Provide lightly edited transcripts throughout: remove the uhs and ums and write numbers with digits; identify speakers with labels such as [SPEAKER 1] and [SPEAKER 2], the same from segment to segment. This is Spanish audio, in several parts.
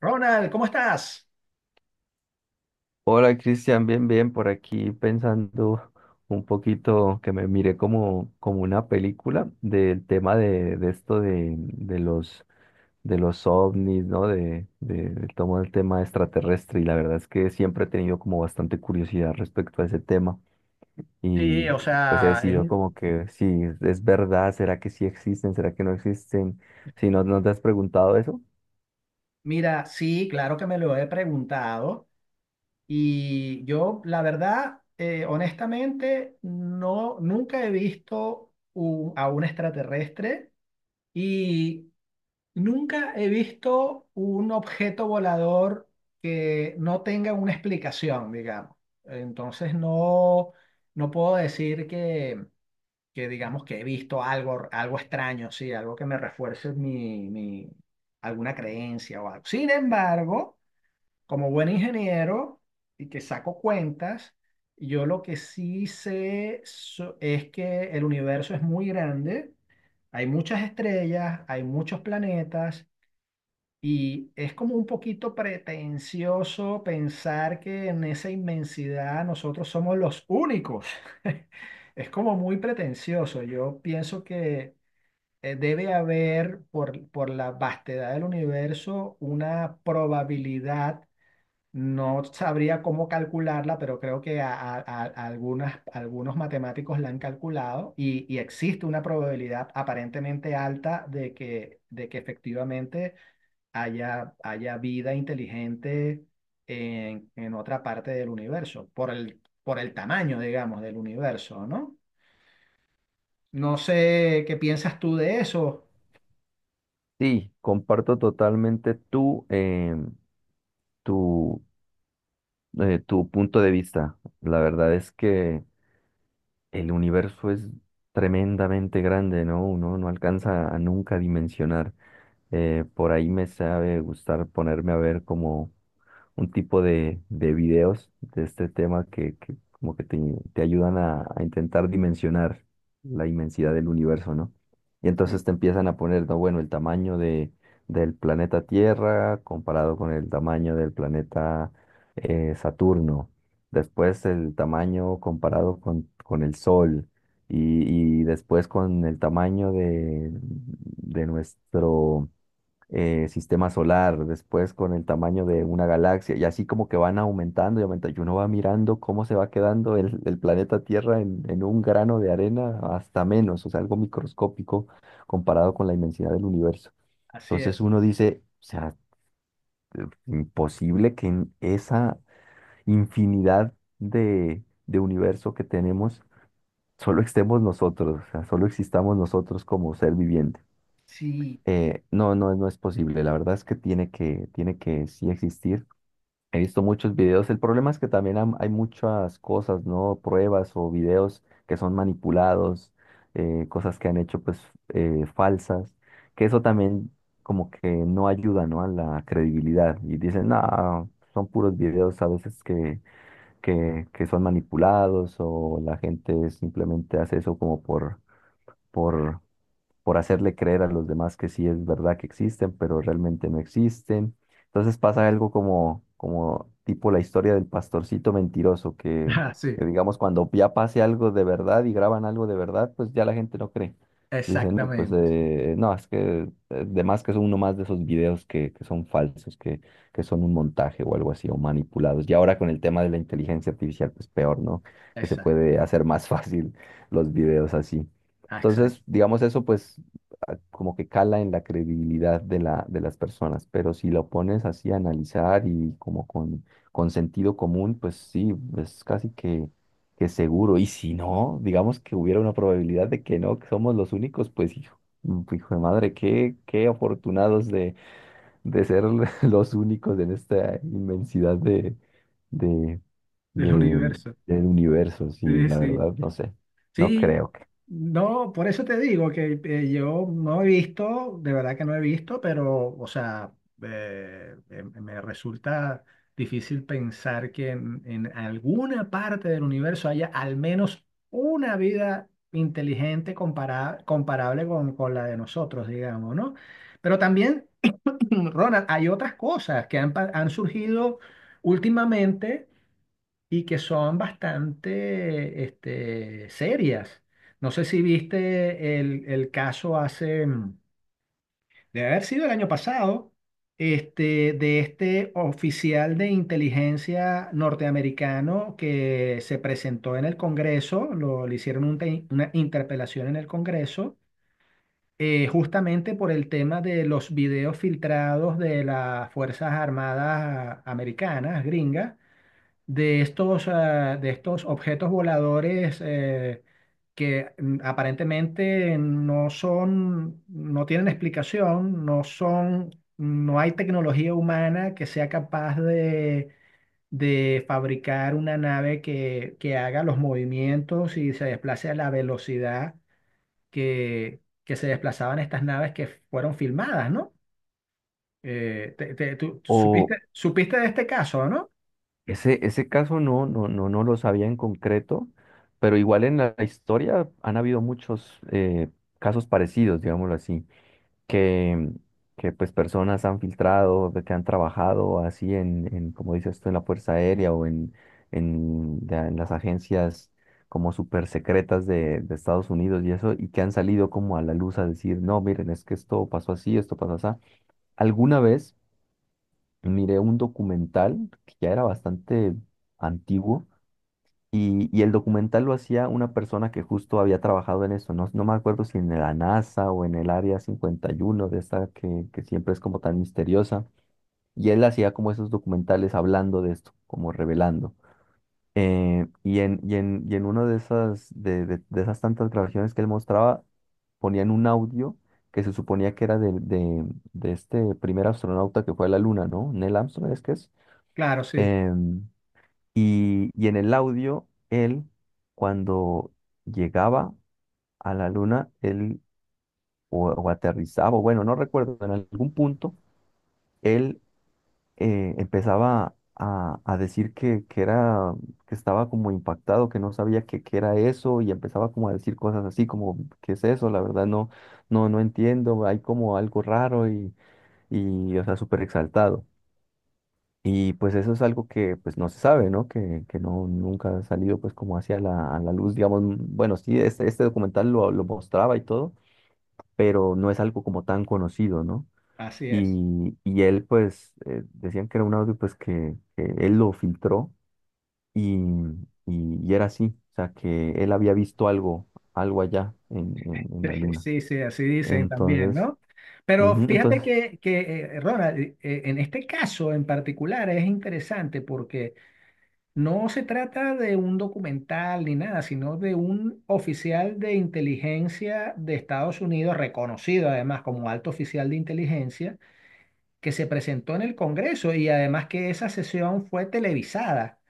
[SPEAKER 1] Ronald, ¿cómo estás?
[SPEAKER 2] Hola Cristian, bien, bien, por aquí pensando un poquito que me miré como una película del tema de esto de los ovnis, ¿no? De todo el tema extraterrestre, y la verdad es que siempre he tenido como bastante curiosidad respecto a ese tema, y
[SPEAKER 1] Sí, o
[SPEAKER 2] pues he
[SPEAKER 1] sea, es
[SPEAKER 2] decidido
[SPEAKER 1] un...
[SPEAKER 2] como que si es verdad, ¿será que sí existen? ¿Será que no existen? Si no, ¿no te has preguntado eso?
[SPEAKER 1] Mira, sí, claro que me lo he preguntado y yo, la verdad, honestamente, no, nunca he visto a un extraterrestre y nunca he visto un objeto volador que no tenga una explicación, digamos. Entonces, no, no puedo decir que digamos que he visto algo, algo extraño, sí, algo que me refuerce alguna creencia o algo. Sin embargo, como buen ingeniero y que saco cuentas, yo lo que sí sé es que el universo es muy grande, hay muchas estrellas, hay muchos planetas y es como un poquito pretencioso pensar que en esa inmensidad nosotros somos los únicos. Es como muy pretencioso. Yo pienso que debe haber por la vastedad del universo una probabilidad. No sabría cómo calcularla, pero creo que a algunas, algunos matemáticos la han calculado y existe una probabilidad aparentemente alta de que efectivamente haya vida inteligente en otra parte del universo, por el tamaño, digamos, del universo, ¿no? No sé qué piensas tú de eso.
[SPEAKER 2] Sí, comparto totalmente tú. Tu, tu punto de vista. La verdad es que el universo es tremendamente grande, ¿no? Uno no alcanza a nunca dimensionar. Por ahí me sabe gustar ponerme a ver como un tipo de videos de este tema que como que te ayudan a intentar dimensionar la inmensidad del universo, ¿no? Y
[SPEAKER 1] Sí,
[SPEAKER 2] entonces te empiezan a poner, no, bueno, el tamaño del planeta Tierra comparado con el tamaño del planeta Saturno, después el tamaño comparado con el Sol. Y después con el tamaño de nuestro, sistema solar, después con el tamaño de una galaxia, y así como que van aumentando y aumentando, y uno va mirando cómo se va quedando el planeta Tierra en un grano de arena hasta menos, o sea, algo microscópico comparado con la inmensidad del universo.
[SPEAKER 1] así
[SPEAKER 2] Entonces
[SPEAKER 1] es.
[SPEAKER 2] uno dice, o sea, imposible que en esa infinidad de universo que tenemos, solo estemos nosotros, o sea, solo existamos nosotros como ser viviente.
[SPEAKER 1] Sí.
[SPEAKER 2] No, no, no es posible. La verdad es que tiene que sí existir. He visto muchos videos. El problema es que también hay muchas cosas, ¿no? Pruebas o videos que son manipulados, cosas que han hecho pues falsas, que eso también como que no ayuda, ¿no? A la credibilidad. Y dicen, no, son puros videos a veces que son manipulados, o la gente simplemente hace eso como por por hacerle creer a los demás que sí es verdad que existen, pero realmente no existen. Entonces pasa algo como tipo la historia del pastorcito mentiroso, que,
[SPEAKER 1] Ah, sí,
[SPEAKER 2] que digamos cuando ya pase algo de verdad y graban algo de verdad, pues ya la gente no cree. Dicen, no, pues
[SPEAKER 1] exactamente, sí,
[SPEAKER 2] no, es que además que es uno más de esos videos que, son falsos, que son un montaje o algo así, o manipulados. Y ahora con el tema de la inteligencia artificial, pues peor, ¿no? Que se
[SPEAKER 1] exacto,
[SPEAKER 2] puede hacer más fácil los videos así.
[SPEAKER 1] ah, exacto,
[SPEAKER 2] Entonces, digamos eso, pues como que cala en la credibilidad de las personas, pero si lo pones así a analizar y como con sentido común, pues sí, es casi que seguro. Y si no, digamos que hubiera una probabilidad de que no, que somos los únicos, pues hijo de madre, qué afortunados de ser los únicos en esta inmensidad de, de,
[SPEAKER 1] del universo.
[SPEAKER 2] del universo. Sí,
[SPEAKER 1] Sí,
[SPEAKER 2] la
[SPEAKER 1] sí.
[SPEAKER 2] verdad, no sé, no
[SPEAKER 1] Sí,
[SPEAKER 2] creo que.
[SPEAKER 1] no, por eso te digo que yo no he visto, de verdad que no he visto, pero, o sea, me resulta difícil pensar que en alguna parte del universo haya al menos una vida inteligente comparable con la de nosotros, digamos, ¿no? Pero también. Ronald, hay otras cosas que han surgido últimamente y que son bastante este, serias. No sé si viste el caso hace, debe haber sido el año pasado, este, de este oficial de inteligencia norteamericano que se presentó en el Congreso, lo, le hicieron una interpelación en el Congreso. Justamente por el tema de los videos filtrados de las Fuerzas Armadas americanas, gringas, de estos, ah, de estos objetos voladores, que aparentemente no son, no tienen explicación, no son, no hay tecnología humana que sea capaz de fabricar una nave que haga los movimientos y se desplace a la velocidad que se desplazaban estas naves que fueron filmadas, ¿no? Tú supiste,
[SPEAKER 2] O,
[SPEAKER 1] supiste de este caso, ¿no?
[SPEAKER 2] ese caso no, no, no, no lo sabía en concreto, pero igual en la historia han habido muchos casos parecidos, digámoslo así, que, que pues personas han filtrado, de que han trabajado así en como dices tú, en la Fuerza Aérea o en ya en las agencias como súper secretas de Estados Unidos y eso, y que han salido como a la luz a decir, no, miren, es que esto pasó así, esto pasó así. ¿Alguna vez? Miré un documental que ya era bastante antiguo, y el documental lo hacía una persona que justo había trabajado en eso, no me acuerdo si en la NASA o en el Área 51, de esta que siempre es como tan misteriosa, y él hacía como esos documentales hablando de esto, como revelando. Y en una de esas tantas grabaciones que él mostraba, ponían un audio que se suponía que era de este primer astronauta que fue a la Luna, ¿no? Neil Armstrong, ¿es que es?
[SPEAKER 1] Claro, sí,
[SPEAKER 2] Em, y en el audio, él, cuando llegaba a la luna, él o aterrizaba, o bueno, no recuerdo, en algún punto, él empezaba a decir que era, que estaba como impactado, que no sabía qué era eso, y empezaba como a decir cosas así, como, ¿qué es eso? La verdad no, no, no entiendo, hay como algo raro, y o sea, súper exaltado. Y pues eso es algo que pues no se sabe, ¿no? Que no, nunca ha salido pues como a la luz, digamos, bueno, sí, este, documental lo mostraba y todo, pero no es algo como tan conocido, ¿no?
[SPEAKER 1] así es.
[SPEAKER 2] Y él pues decían que era un audio pues que él lo filtró, y, y era así, o sea, que él había visto algo, allá en, en, en la luna.
[SPEAKER 1] Sí, sí, así dicen también,
[SPEAKER 2] Entonces,
[SPEAKER 1] ¿no? Pero
[SPEAKER 2] ujú,
[SPEAKER 1] fíjate
[SPEAKER 2] entonces,
[SPEAKER 1] que, Ronald, en este caso en particular es interesante porque no se trata de un documental ni nada, sino de un oficial de inteligencia de Estados Unidos, reconocido además como alto oficial de inteligencia, que se presentó en el Congreso, y además que esa sesión fue televisada.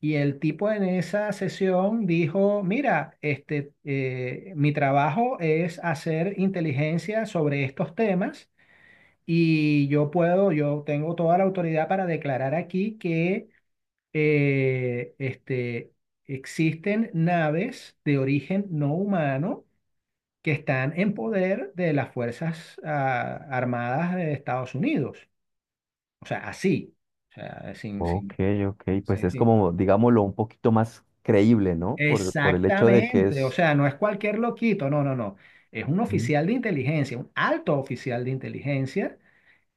[SPEAKER 1] Y el tipo en esa sesión dijo: mira, este, mi trabajo es hacer inteligencia sobre estos temas y yo puedo, yo tengo toda la autoridad para declarar aquí que este, existen naves de origen no humano que están en poder de las Fuerzas ah, Armadas de Estados Unidos. O sea, así. O sea, sin,
[SPEAKER 2] ok, ok, pues
[SPEAKER 1] sin-
[SPEAKER 2] es
[SPEAKER 1] sin-
[SPEAKER 2] como, digámoslo, un poquito más creíble, ¿no? Por el hecho de que
[SPEAKER 1] Exactamente. O
[SPEAKER 2] es.
[SPEAKER 1] sea, no es cualquier loquito, no, no, no. Es un
[SPEAKER 2] Ujú.
[SPEAKER 1] oficial de inteligencia, un alto oficial de inteligencia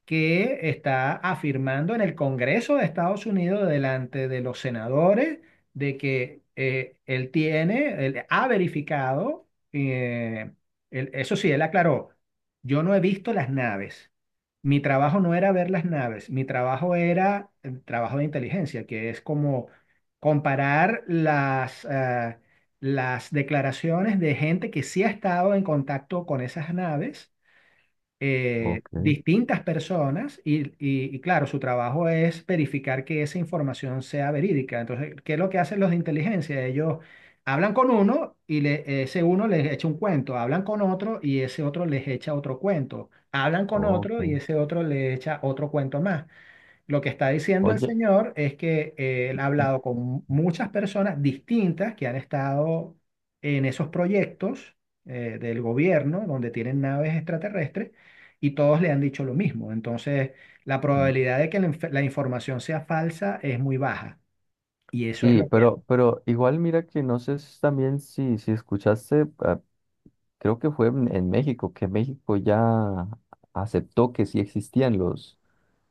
[SPEAKER 1] que está afirmando en el Congreso de Estados Unidos delante de los senadores de que él tiene, él ha verificado, eso sí, él aclaró, yo no he visto las naves. Mi trabajo no era ver las naves, mi trabajo era el trabajo de inteligencia, que es como comparar las, las declaraciones de gente que sí ha estado en contacto con esas naves,
[SPEAKER 2] Ok,
[SPEAKER 1] distintas personas y, y claro, su trabajo es verificar que esa información sea verídica. Entonces, ¿qué es lo que hacen los de inteligencia? Ellos hablan con uno y ese uno les echa un cuento, hablan con otro y ese otro les echa otro cuento, hablan con otro y
[SPEAKER 2] ok.
[SPEAKER 1] ese otro le echa otro cuento más. Lo que está diciendo el
[SPEAKER 2] Oye,
[SPEAKER 1] señor es que él ha hablado con muchas personas distintas que han estado en esos proyectos, del gobierno, donde tienen naves extraterrestres y todos le han dicho lo mismo. Entonces, la
[SPEAKER 2] mm,
[SPEAKER 1] probabilidad de que la información sea falsa es muy baja. Y eso es
[SPEAKER 2] sí,
[SPEAKER 1] lo que
[SPEAKER 2] pero igual mira que no sé si también si escuchaste, creo que fue en México, que México ya aceptó que sí existían los,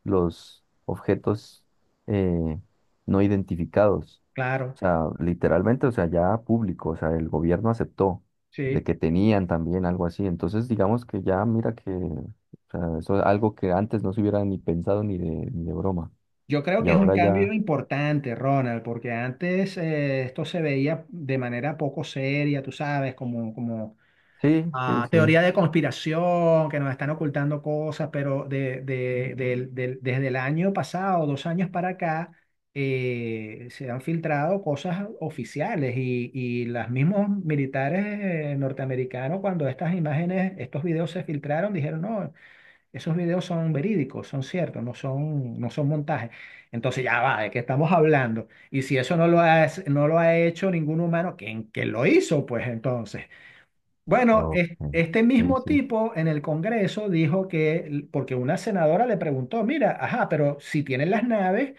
[SPEAKER 2] los objetos eh, no identificados.
[SPEAKER 1] claro,
[SPEAKER 2] O sea, literalmente, o sea, ya público, o sea, el gobierno aceptó de
[SPEAKER 1] sí.
[SPEAKER 2] que tenían también algo así. Entonces, digamos que ya mira que, o sea, eso es algo que antes no se hubiera ni pensado ni de broma.
[SPEAKER 1] Yo creo
[SPEAKER 2] Y
[SPEAKER 1] que es un
[SPEAKER 2] ahora ya,
[SPEAKER 1] cambio importante, Ronald, porque antes esto se veía de manera poco seria, tú sabes, como, como
[SPEAKER 2] sí, sí,
[SPEAKER 1] ah,
[SPEAKER 2] sí,
[SPEAKER 1] teoría de conspiración, que nos están ocultando cosas, pero desde el año pasado, dos años para acá, se han filtrado cosas oficiales y los mismos militares norteamericanos, cuando estas imágenes, estos videos se filtraron, dijeron, no, esos videos son verídicos, son ciertos, no son, no son montajes. Entonces ya va, ¿de qué estamos hablando? Y si eso no lo ha, no lo ha hecho ningún humano, ¿quién, quién lo hizo? Pues entonces. Bueno,
[SPEAKER 2] ok,
[SPEAKER 1] este
[SPEAKER 2] sí,
[SPEAKER 1] mismo
[SPEAKER 2] sí,
[SPEAKER 1] tipo en el Congreso dijo que, porque una senadora le preguntó, mira, ajá, pero si tienen las naves,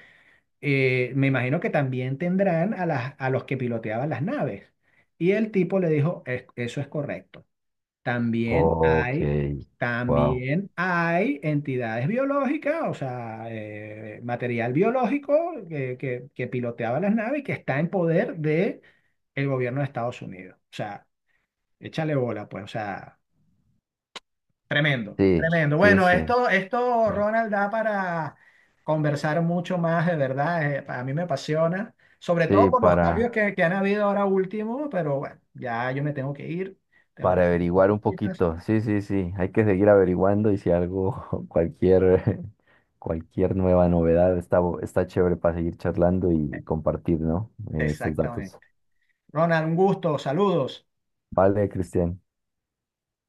[SPEAKER 1] me imagino que también tendrán a, las, a los que piloteaban las naves. Y el tipo le dijo: Eso es correcto. También
[SPEAKER 2] ok,
[SPEAKER 1] hay,
[SPEAKER 2] wow.
[SPEAKER 1] también hay entidades biológicas, o sea, material biológico que piloteaba las naves y que está en poder de el gobierno de Estados Unidos." O sea, échale bola, pues, o sea. Tremendo,
[SPEAKER 2] Sí,
[SPEAKER 1] tremendo.
[SPEAKER 2] sí,
[SPEAKER 1] Bueno,
[SPEAKER 2] sí,
[SPEAKER 1] esto, Ronald, da para conversar mucho más, de verdad. A mí me apasiona, sobre todo
[SPEAKER 2] sí,
[SPEAKER 1] por los cambios
[SPEAKER 2] para.
[SPEAKER 1] que han habido ahora último, pero bueno, ya yo me tengo que ir, tengo que
[SPEAKER 2] Para
[SPEAKER 1] hacer las
[SPEAKER 2] averiguar un
[SPEAKER 1] cositas.
[SPEAKER 2] poquito. Sí, sí, sí. Hay que seguir averiguando y si algo, cualquier, cualquier nueva novedad está, está chévere para seguir charlando y compartir, ¿no? Estos
[SPEAKER 1] Exactamente.
[SPEAKER 2] datos.
[SPEAKER 1] Ronald, un gusto, saludos.
[SPEAKER 2] Vale, Cristian.